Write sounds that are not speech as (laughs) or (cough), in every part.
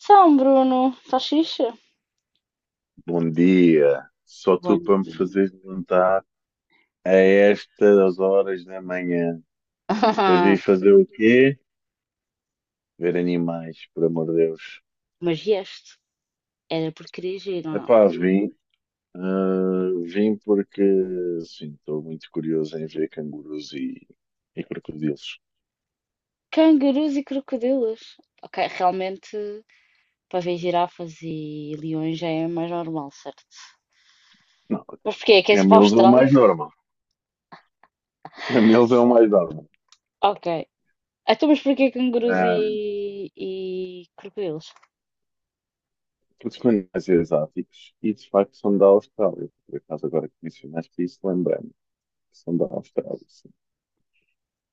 Então, Bruno, estás fixe? Bom dia. Só tu Bom para me dia. fazer levantar a estas horas da manhã. Para vir (laughs) fazer o quê? Ver animais, por amor de Deus. Mas este era por querer giro ou não? Epá, vim. Vim porque, sim, estou muito curioso em ver cangurus e crocodilos. Cangurus e crocodilos. Ok, realmente para ver girafas e leões já é mais normal, certo? Não, Mas porquê? Queres ir para a camelos é o Austrália? mais normal. Camelos é o mais (laughs) normal. Ok. Então, mas porquê cangurus e, Ah, e crocodilos? porque são animais exóticos e, de facto, são da Austrália. Por acaso, agora que mencionaste isso, lembrei-me. Que são da Austrália.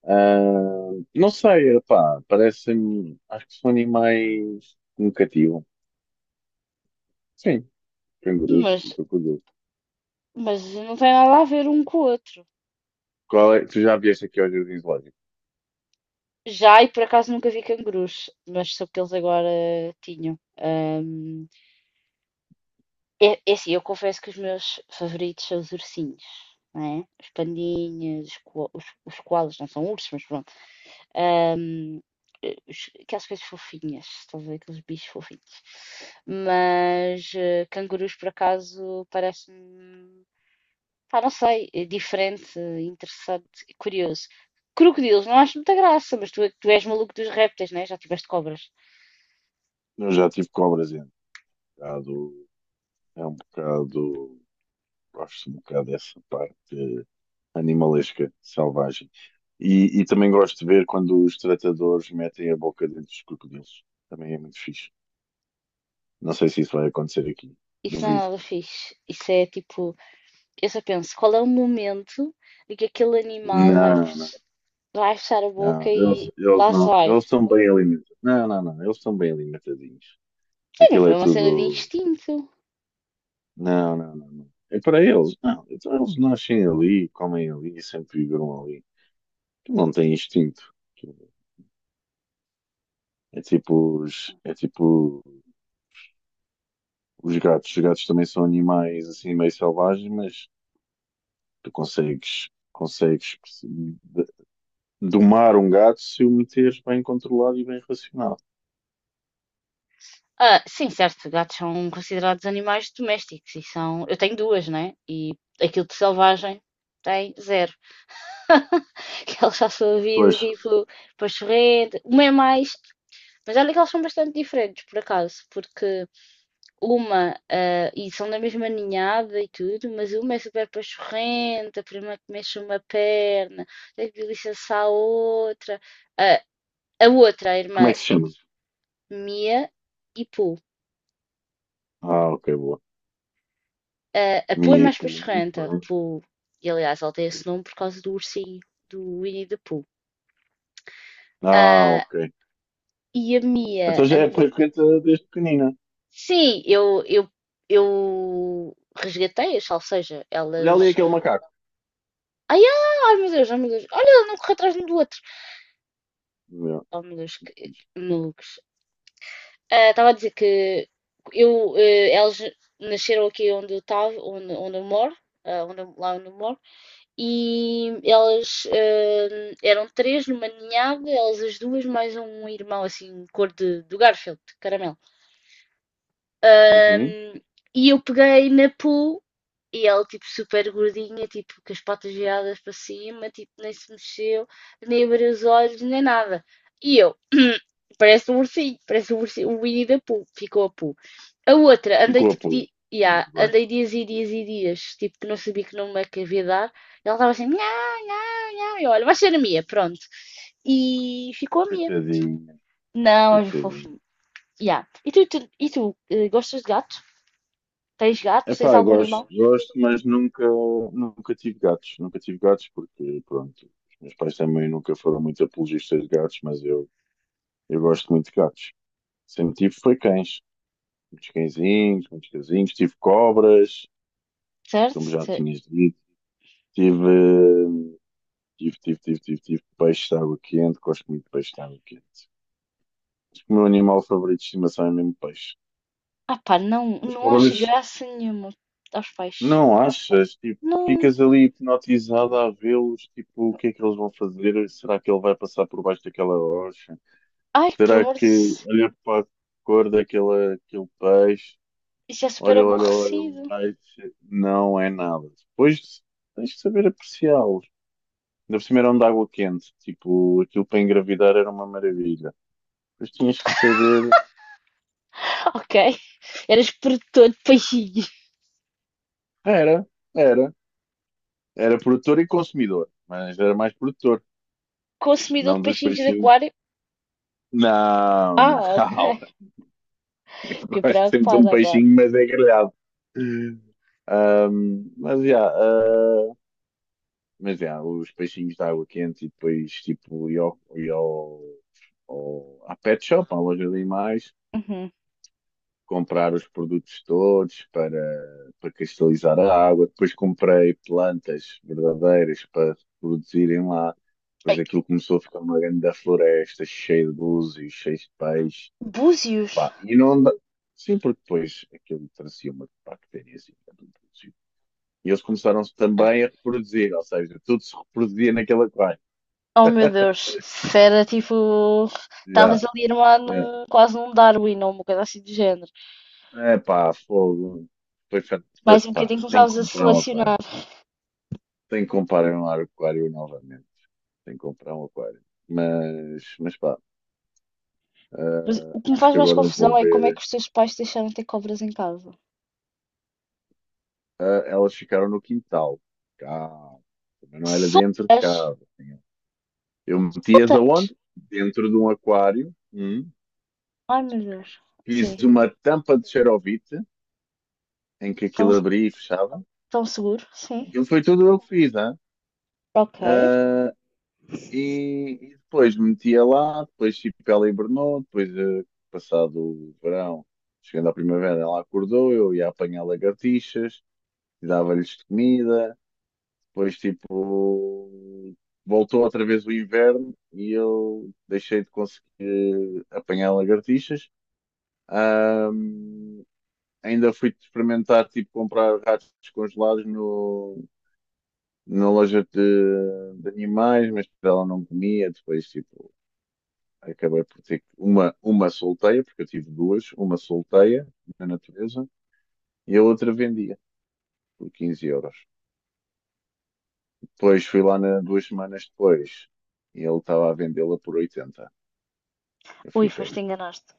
Ah, não sei, pá, parecem-me, acho que são animais que me cativam. Sim, cangurus, e Mas, crocodilos. mas não tem nada a ver um com o outro. Qual é? Tu já vieste aqui aos Jardins zoológico? Já, e por acaso nunca vi cangurus, mas soube que eles agora tinham. É assim, eu confesso que os meus favoritos são os ursinhos, não é? Os pandinhas, os, os koalas, não são ursos, mas pronto. Ahm, aquelas coisas fofinhas, estás a ver? Aqueles bichos fofinhos. Mas cangurus, por acaso, parece-me, pá, não sei, diferente, interessante, e curioso. Crocodilos, não acho muita graça, mas tu, tu és maluco dos répteis, né? Já tiveste cobras. Eu já tive cobras, bocado, é um bocado, gosto um bocado dessa parte animalesca, selvagem. E também gosto de ver quando os tratadores metem a boca dentro dos crocodilos. Também é muito fixe. Não sei se isso vai acontecer aqui. Isso não é Duvido. nada fixe. Isso é tipo. Eu só penso, qual é o momento em que aquele animal vai, Não. Vai fechar a boca Não, eles, e eles lá não. sai vai? Eles são bem alimentados. Não, não, não. Eles são bem alimentadinhos. Sim, mas Aquilo é foi uma cena de tudo. instinto. Não, não, não, não. É para eles. Não. Então eles nascem ali, comem ali e sempre viveram ali. Tu não têm instinto. É tipo os gatos. Os gatos também são animais assim meio selvagens, mas tu consegues, domar um gato se o meteres bem controlado e bem racionado. Ah, sim, certo, gatos são considerados animais domésticos e são. Eu tenho duas, né? E aquilo de selvagem tem zero. (laughs) Que eles já sua vida, Pois, tipo, para chorrer, uma é mais. Mas olha que eles são bastante diferentes, por acaso, porque uma, ah, e são da mesma ninhada e tudo, mas uma é super pachorrenta, a prima que mexe uma perna, tem que licença a outra. Ah, a outra, a como é irmã que se chama? Mia e Pooh. Ah, ok, boa. Ah, a Pooh é Mia e mais Poo. Muito pachorrenta. bem. Pooh, e aliás, ela tem esse nome por causa do ursinho, do Winnie the Pooh. Ah, Ah, ok. e a Mia, Então já é frequente desde pequenina. sim, eu, eu resgatei-as, ou seja, Olha ali elas. aquele macaco. Ai, ai, ai, meu Deus, olha, ela não corre atrás de um do outro. Meu, Oh, molusco, muito fixe. malucos. Ah, estava a dizer que eu, eles nasceram aqui onde eu estava, onde eu moro, ah, lá onde eu moro, e elas eram três numa ninhada, elas as duas, mais um irmão assim, cor de, do Garfield, caramelo. Uhum. Ahm, e eu peguei na Pooh e ela, tipo, super gordinha, tipo, com as patas viradas para cima, tipo, nem se mexeu, nem abriu os olhos, nem nada. E eu, (clears throat) parece um ursinho, o Winnie da Pooh, ficou a Pooh. A outra, andei Ficou a tipo, pôr. di Muito yeah, bem. andei dias e dias e dias, tipo, que não sabia que nome é que havia de dar. E ela estava assim, nhá, nhá, nhá, e eu, olha, vai ser a Mia, pronto. E ficou a Mia. Coitadinho, Não, é coitadinho. fofinho. Yeah. E tu, e tu gostas de gatos? Tens gato? Tens Epá, eu algum gosto, animal? gosto, mas nunca, nunca tive gatos. Nunca tive gatos porque, pronto, os meus pais também nunca foram muito apologistas de gatos, mas eu gosto muito de gatos. Sempre tive foi cães. Muitos cãezinhos, muitos cãezinhos. Tive cobras, Certo? como já Se- tinhas dito. Tive. Tive, tive, tive, tive, tive peixe de água quente, gosto muito de peixe de água quente. Acho que o meu animal favorito de estimação é mesmo peixe. ah pá, não, As não acho cobras, graça nenhuma aos peixes. não achas? Tipo, Não. ficas ali hipnotizado a vê-los, tipo, o que é que eles vão fazer? Será que ele vai passar por baixo daquela rocha? Ai, por Será amor de Deus. que olha para a cor daquele aquele peixe? Isso é super Olha, olha, olha, aborrecido. olha, não é nada. Depois tens que saber apreciá-los. Ainda por cima eram de água quente, tipo, aquilo para engravidar era uma maravilha. Mas tinhas que saber. (laughs) Ok. Eras produtor de peixinhos. Era, era. Era produtor e consumidor, mas era mais produtor, Consumidor de não dos peixinhos de peixinhos. aquário? Não, Ah, não. ok. (laughs) Eu Fiquei gosto sempre de um preocupada agora. peixinho, mas é grelhado. Ahm, mas já, ah, mas já, os peixinhos de água quente e depois tipo, e ao, à pet shop, à loja de animais, Uhum. comprar os produtos todos para, para cristalizar a água. Depois comprei plantas verdadeiras para produzirem lá. Ai, Depois aquilo começou a ficar uma grande floresta, cheia de búzios, cheia de peixes. búzios? Pá, e não anda... Sim, porque depois aquilo trazia uma bactéria assim, era um búzio. E eles começaram Ah, também a reproduzir, ou seja, tudo se reproduzia naquele aquário. oh meu Deus, se era tipo. Estavas Já, ali armado já. Quase num Darwin ou uma coisa assim do género. É pá, fogo. Foi, Mais um pá, bocadinho tenho começavas que a comprar um selecionar. aquário. Tenho que comprar um aquário novamente. Tenho que comprar um aquário. Mas pá, Mas o que me acho faz que mais agora vou confusão é como é que ver. os teus pais te deixaram ter cobras em casa. Ah, elas ficaram no quintal. Cá. Também não era dentro de Soltas? casa. Tinha- Eu metia-as Soltas? onde dentro de um aquário. Hum. Ai meu Deus. Fiz Sim. uma tampa de xerovite em que Tão, aquilo abria e fechava. tão seguros? Sim. Aquilo foi tudo eu que fiz, hein? Ok. E depois metia lá, depois tipo, ela hibernou, depois passado o verão, chegando à primavera, ela acordou, eu ia apanhar lagartixas, dava-lhes de comida, depois tipo voltou outra vez o inverno e eu deixei de conseguir apanhar lagartixas. Ahm, ainda fui experimentar tipo comprar ratos congelados no, na loja de animais, mas ela não comia, depois tipo acabei por ter uma solteia, porque eu tive duas, uma solteia na natureza e a outra vendia por 15€. Depois fui lá na, duas semanas depois e ele estava a vendê-la por 80. Eu Ui, fiquei, foste enganaste.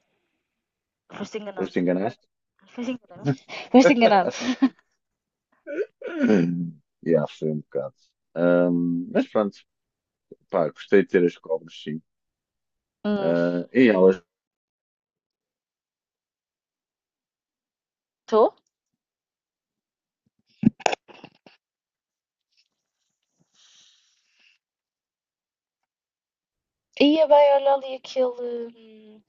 Foste depois enganado. te enganaste? Foste enganado. Foste enganado. (laughs) Yeah, foi um bocado. Mas pronto, pá, gostei de ter as cobras, sim. (laughs) Ah, e elas, Estou? Ia bem, olha ali aquele.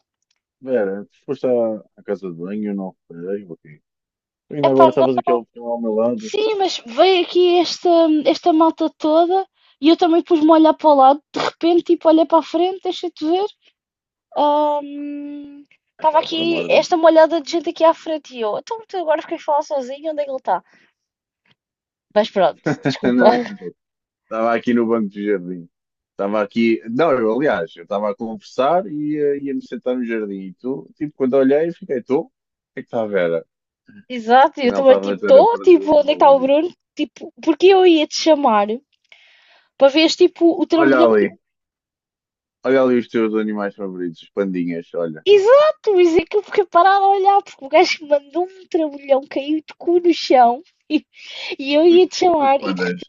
Vera, tu foste à, à casa de banho, eu não reparei, ok. Tu ainda Epá, agora estavas aqui não. ao, ao meu lado. Sim, mas veio aqui esta malta toda e eu também pus-me a olhar para o lado. De repente, tipo, olhei para a frente, deixa-te ver. Estava Epá, por amor aqui de Deus. esta molhada de gente aqui à frente e eu, então tu agora fiquei a falar sozinho, onde é que ele está? Mas pronto, (laughs) desculpa. Não, (laughs) estava aqui no banco do jardim. Estava aqui. Não, eu, aliás, eu estava a conversar e ia-me sentar no jardim. E tu, tipo, quando olhei, fiquei, tu? O que é que está a ver? Exato, eu Afinal, também estava a tipo, ter a estou, tipo, perdida onde é que numa está o lurida. Bruno? Tipo, porque eu ia te chamar para veres tipo o Olha trambolhão que. ali, olha ali os teus animais favoritos, os pandinhas, olha. Exato, isso é que eu fiquei parada a olhar, porque o gajo mandou um trambolhão, caiu de cu no chão (laughs) e eu Os ia te os chamar e de pandas.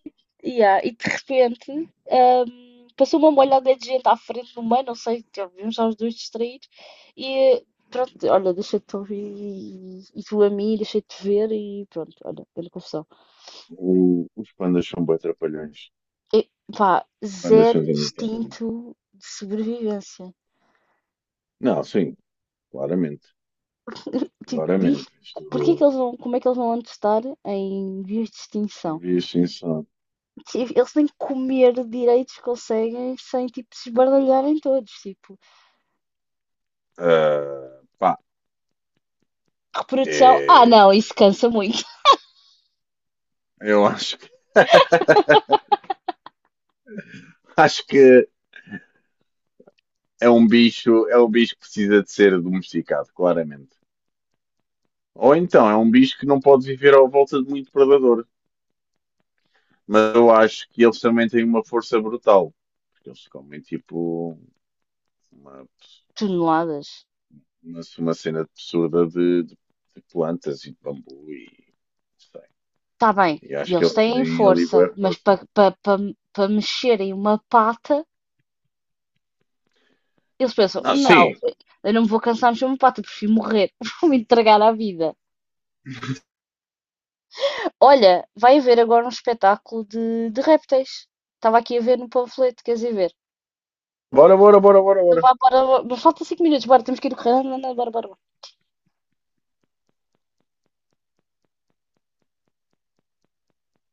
yeah, e de repente, passou uma molhada de gente à frente no meio, não sei, vimos já os dois distraídos. E pronto, olha, deixei de te ouvir e tu a mim, deixei de te ver e pronto, olha, grande confusão. Os pandas são bué trapalhões. E, pá, Os pandas zero são imitáveis. instinto de sobrevivência. Não, sim, claramente. Tipo, bicho, Claramente. porquê que Isto eles vão, como é que eles vão antes estar em vias de é em extinção? via de extinção. Tipo, eles nem comer direitos conseguem sem, tipo, se esbardalharem todos, tipo. Ah, pá, Reprodução, ah é, não, isso cansa muito. eu acho que. (laughs) Acho que é um bicho que precisa de ser domesticado, claramente. Ou então é um bicho que não pode viver à volta de muito predador. Mas eu acho que eles também têm uma força brutal. Porque eles comem tipo uma, Toneladas. Uma cena absurda de plantas e de bambu e não sei. Está bem, E acho que eles eles têm têm ali força, boa mas força. para pa mexerem uma pata, eles pensam: Ah, não, sim. eu não me vou cansar de mexer uma pata, prefiro morrer, (laughs) vou me entregar à vida. Olha, vai haver agora um espetáculo de répteis. Estava aqui a ver no panfleto, queres ir ver? Bora, bora, bora, bora, Então bora. vá, bora, bora, mas falta 5 minutos, bora, temos que ir correndo, bora, bora, bora.